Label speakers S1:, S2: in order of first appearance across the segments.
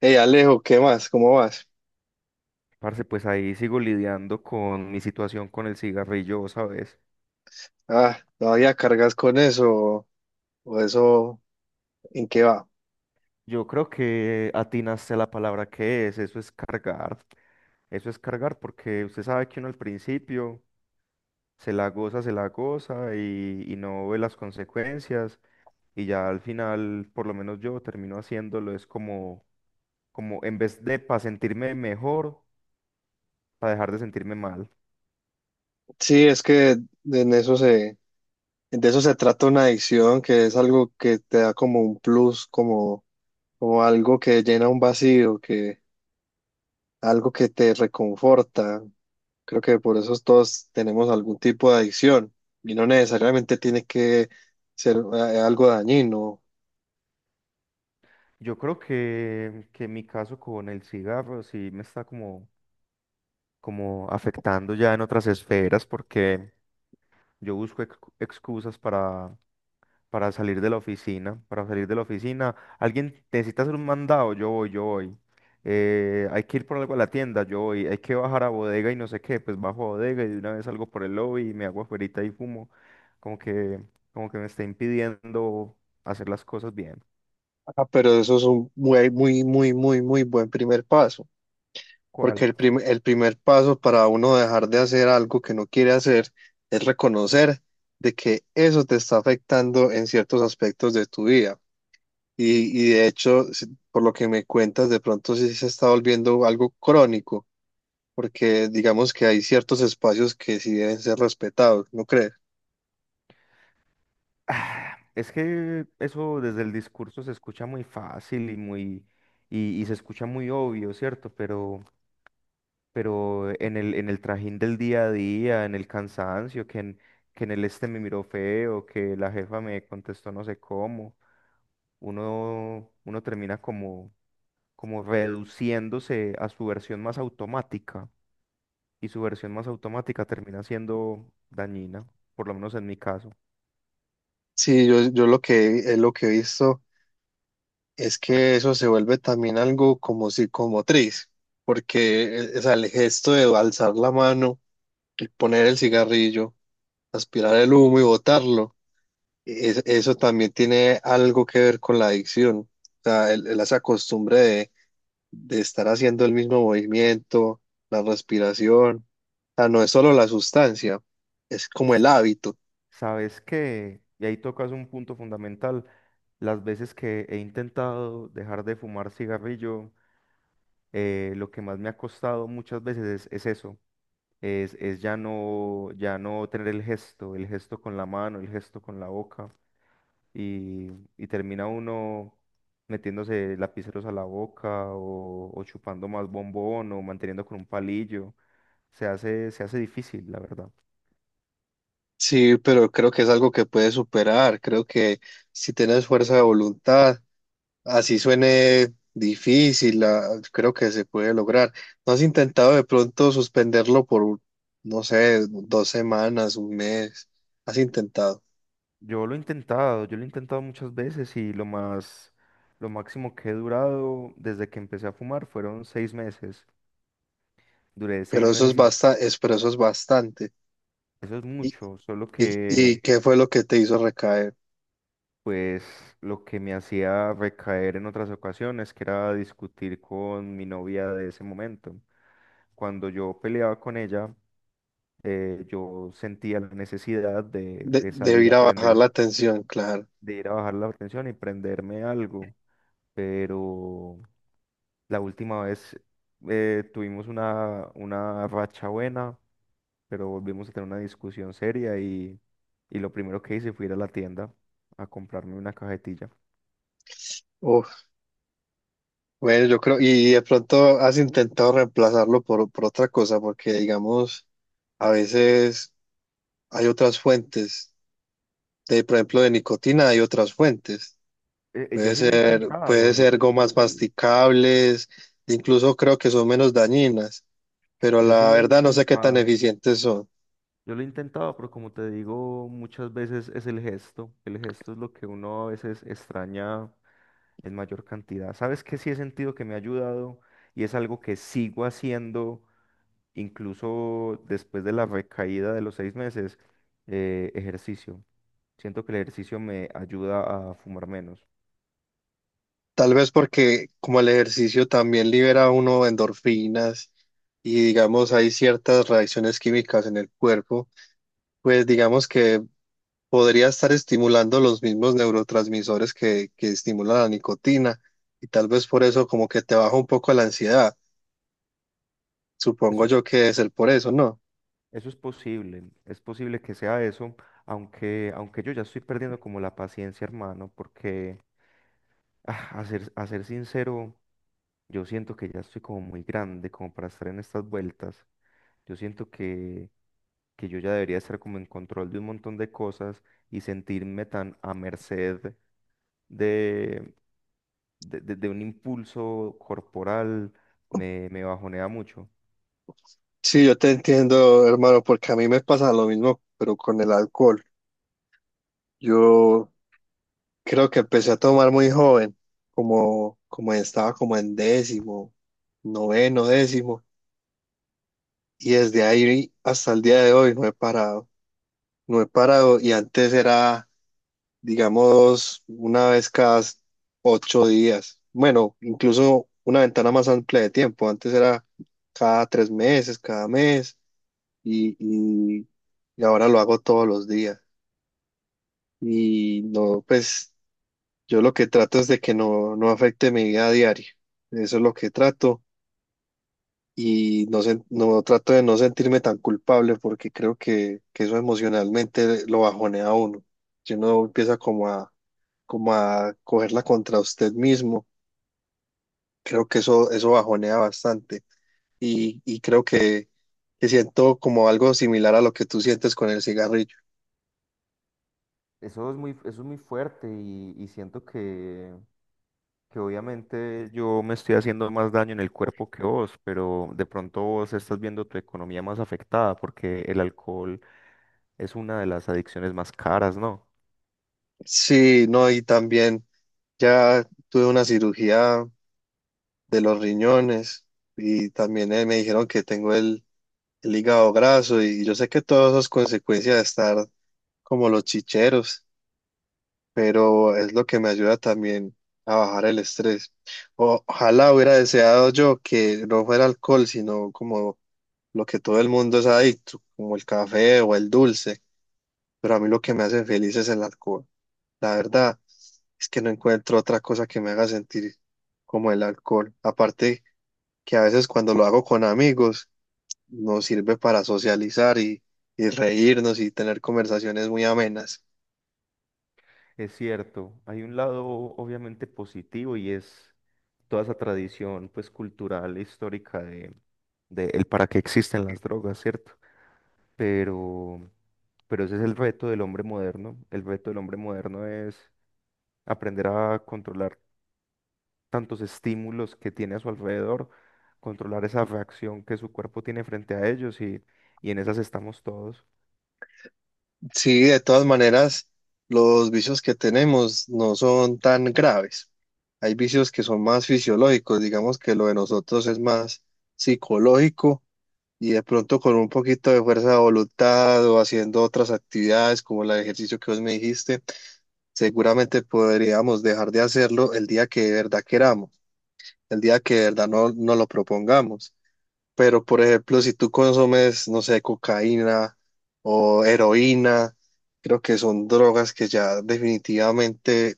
S1: Hey Alejo, ¿qué más? ¿Cómo vas?
S2: Parce, pues ahí sigo lidiando con mi situación con el cigarrillo, ¿sabes?
S1: Ah, ¿todavía cargas con eso o eso en qué va?
S2: Yo creo que atinaste a la palabra que es, eso es cargar porque usted sabe que uno al principio se la goza y no ve las consecuencias y ya al final, por lo menos yo termino haciéndolo, es como en vez de para sentirme mejor, para dejar de sentirme mal.
S1: Sí, es que de en eso se, de eso se trata una adicción, que es algo que te da como un plus, como, como algo que llena un vacío, que algo que te reconforta. Creo que por eso todos tenemos algún tipo de adicción y no necesariamente tiene que ser algo dañino.
S2: Yo creo que mi caso con el cigarro sí me está como afectando ya en otras esferas, porque yo busco excusas para salir de la oficina, para salir de la oficina. Alguien necesita hacer un mandado, yo voy, yo voy. Hay que ir por algo a la tienda, yo voy. Hay que bajar a bodega y no sé qué, pues bajo a bodega y de una vez salgo por el lobby y me hago afuerita y fumo. Como que, como que me está impidiendo hacer las cosas bien.
S1: Ah, pero eso es un muy, muy, muy, muy, muy buen primer paso. Porque
S2: ¿Cuál?
S1: el primer paso para uno dejar de hacer algo que no quiere hacer es reconocer de que eso te está afectando en ciertos aspectos de tu vida. Y de hecho, por lo que me cuentas, de pronto sí se está volviendo algo crónico, porque digamos que hay ciertos espacios que sí deben ser respetados, ¿no crees?
S2: Ah, es que eso desde el discurso se escucha muy fácil y muy y se escucha muy obvio, ¿cierto? Pero en el trajín del día a día, en el cansancio, que en el este me miró feo, que la jefa me contestó no sé cómo, uno termina como reduciéndose a su versión más automática y su versión más automática termina siendo dañina, por lo menos en mi caso.
S1: Sí, yo lo que he visto es que eso se vuelve también algo como psicomotriz, porque o sea, el gesto de alzar la mano, el poner el cigarrillo, aspirar el humo y botarlo, eso también tiene algo que ver con la adicción. O sea, esa costumbre de estar haciendo el mismo movimiento, la respiración. O sea, no es solo la sustancia, es como el hábito.
S2: Sabes que, y ahí tocas un punto fundamental, las veces que he intentado dejar de fumar cigarrillo, lo que más me ha costado muchas veces es eso, es ya no tener el gesto con la mano, el gesto con la boca, y, y termina uno metiéndose lapiceros a la boca o chupando más bombón o manteniendo con un palillo, se hace difícil, la verdad.
S1: Sí, pero creo que es algo que puedes superar. Creo que si tienes fuerza de voluntad, así suene difícil, creo que se puede lograr. ¿No has intentado de pronto suspenderlo por, no sé, dos semanas, un mes? Has intentado,
S2: Yo lo he intentado, yo lo he intentado muchas veces y lo máximo que he durado desde que empecé a fumar fueron 6 meses. Duré seis
S1: pero eso es
S2: meses sin...
S1: pero eso es bastante.
S2: Eso es
S1: ¿Y,
S2: mucho, solo
S1: y
S2: que
S1: qué fue lo que te hizo recaer?
S2: pues lo que me hacía recaer en otras ocasiones, que era discutir con mi novia de ese momento. Cuando yo peleaba con ella, yo sentía la necesidad de, de
S1: De
S2: salir
S1: ir
S2: a
S1: a bajar la
S2: prender,
S1: tensión, claro.
S2: de ir a bajar la tensión y prenderme algo, pero la última vez tuvimos una racha buena, pero volvimos a tener una discusión seria y lo primero que hice fue ir a la tienda a comprarme una cajetilla.
S1: Uf, bueno, yo creo, y de pronto has intentado reemplazarlo por otra cosa, porque digamos, a veces hay otras fuentes, de, por ejemplo, de nicotina hay otras fuentes.
S2: Yo sí lo he
S1: Puede
S2: intentado, yo
S1: ser
S2: sí, yo
S1: gomas
S2: sí,
S1: masticables, incluso creo que son menos dañinas, pero
S2: yo sí
S1: la
S2: lo he
S1: verdad no sé qué tan
S2: intentado,
S1: eficientes son.
S2: yo lo he intentado, pero como te digo, muchas veces es el gesto es lo que uno a veces extraña en mayor cantidad. ¿Sabes qué sí he sentido que me ha ayudado y es algo que sigo haciendo? Incluso después de la recaída de los 6 meses, ejercicio. Siento que el ejercicio me ayuda a fumar menos.
S1: Tal vez porque como el ejercicio también libera a uno endorfinas y digamos hay ciertas reacciones químicas en el cuerpo, pues digamos que podría estar estimulando los mismos neurotransmisores que estimulan la nicotina y tal vez por eso como que te baja un poco la ansiedad.
S2: Eso
S1: Supongo
S2: es,
S1: yo que es el por eso, ¿no?
S2: eso es posible que sea eso, aunque, aunque yo ya estoy perdiendo como la paciencia, hermano, porque a ser sincero, yo siento que ya estoy como muy grande como para estar en estas vueltas. Yo siento que yo ya debería estar como en control de un montón de cosas y sentirme tan a merced de un impulso corporal me bajonea mucho.
S1: Sí, yo te entiendo, hermano, porque a mí me pasa lo mismo, pero con el alcohol. Yo creo que empecé a tomar muy joven, como, como estaba como en décimo, noveno, décimo, y desde ahí hasta el día de hoy no he parado, no he parado, y antes era, digamos, una vez cada ocho días, bueno, incluso una ventana más amplia de tiempo, antes era cada tres meses, cada mes, y, y y ahora lo hago todos los días. Y no, pues yo lo que trato es de que no, no afecte mi vida diaria. Eso es lo que trato y no, no trato de no sentirme tan culpable porque creo que eso emocionalmente lo bajonea a uno. Si uno empieza como a, como a cogerla contra usted mismo, creo que eso bajonea bastante y creo que siento como algo similar a lo que tú sientes con el cigarrillo.
S2: Eso es muy fuerte y siento que obviamente yo me estoy haciendo más daño en el cuerpo que vos, pero de pronto vos estás viendo tu economía más afectada porque el alcohol es una de las adicciones más caras, ¿no?
S1: Sí, no, y también ya tuve una cirugía de los riñones y también me dijeron que tengo el hígado graso y yo sé que todo eso es consecuencia de estar como los chicheros, pero es lo que me ayuda también a bajar el estrés. Ojalá hubiera deseado yo que no fuera alcohol, sino como lo que todo el mundo es adicto, como el café o el dulce, pero a mí lo que me hace feliz es el alcohol. La verdad es que no encuentro otra cosa que me haga sentir como el alcohol. Aparte que a veces cuando lo hago con amigos nos sirve para socializar y reírnos y tener conversaciones muy amenas.
S2: Es cierto, hay un lado obviamente positivo y es toda esa tradición pues cultural e histórica de el para qué existen las drogas, ¿cierto? pero, pero ese es el reto del hombre moderno. El reto del hombre moderno es aprender a controlar tantos estímulos que tiene a su alrededor, controlar esa reacción que su cuerpo tiene frente a ellos y en esas estamos todos.
S1: Sí, de todas maneras, los vicios que tenemos no son tan graves. Hay vicios que son más fisiológicos, digamos que lo de nosotros es más psicológico y de pronto con un poquito de fuerza de voluntad o haciendo otras actividades como el ejercicio que vos me dijiste, seguramente podríamos dejar de hacerlo el día que de verdad queramos, el día que de verdad no, no lo propongamos. Pero, por ejemplo, si tú consumes, no sé, cocaína o heroína, creo que son drogas que ya definitivamente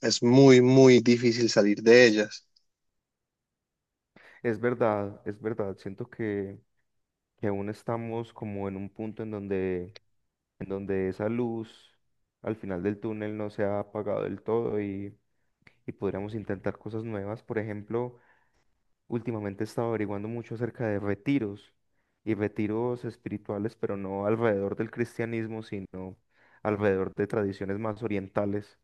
S1: es muy, muy difícil salir de ellas.
S2: Es verdad, siento que aún estamos como en un punto en donde esa luz al final del túnel no se ha apagado del todo y podríamos intentar cosas nuevas, por ejemplo. Últimamente he estado averiguando mucho acerca de retiros y retiros espirituales, pero no alrededor del cristianismo, sino alrededor de tradiciones más orientales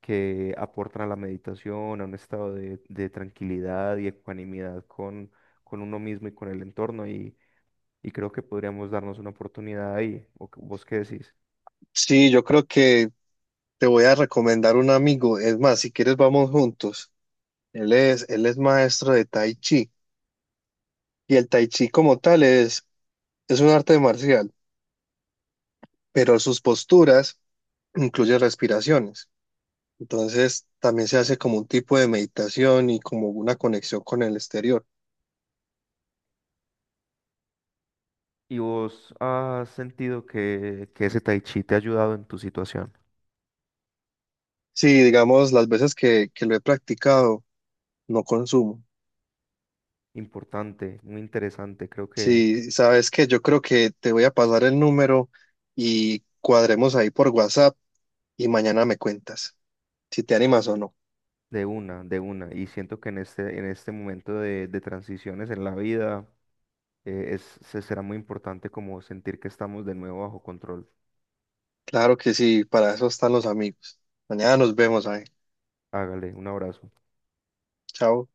S2: que aportan a la meditación, a un estado de tranquilidad y ecuanimidad con uno mismo y con el entorno. Y creo que podríamos darnos una oportunidad ahí. ¿O vos qué decís?
S1: Sí, yo creo que te voy a recomendar un amigo. Es más, si quieres, vamos juntos. Él es maestro de Tai Chi. Y el Tai Chi como tal es un arte marcial, pero sus posturas incluyen respiraciones. Entonces también se hace como un tipo de meditación y como una conexión con el exterior.
S2: ¿Y vos has sentido que ese tai chi te ha ayudado en tu situación?
S1: Sí, digamos, las veces que lo he practicado, no consumo.
S2: Importante, muy interesante. Creo que...
S1: Sí, sabes que yo creo que te voy a pasar el número y cuadremos ahí por WhatsApp y mañana me cuentas si te animas o no.
S2: De una, de una. Y siento que en este momento de transiciones en la vida se será muy importante como sentir que estamos de nuevo bajo control.
S1: Claro que sí, para eso están los amigos. Mañana nos vemos ahí.
S2: Hágale, un abrazo.
S1: Chao.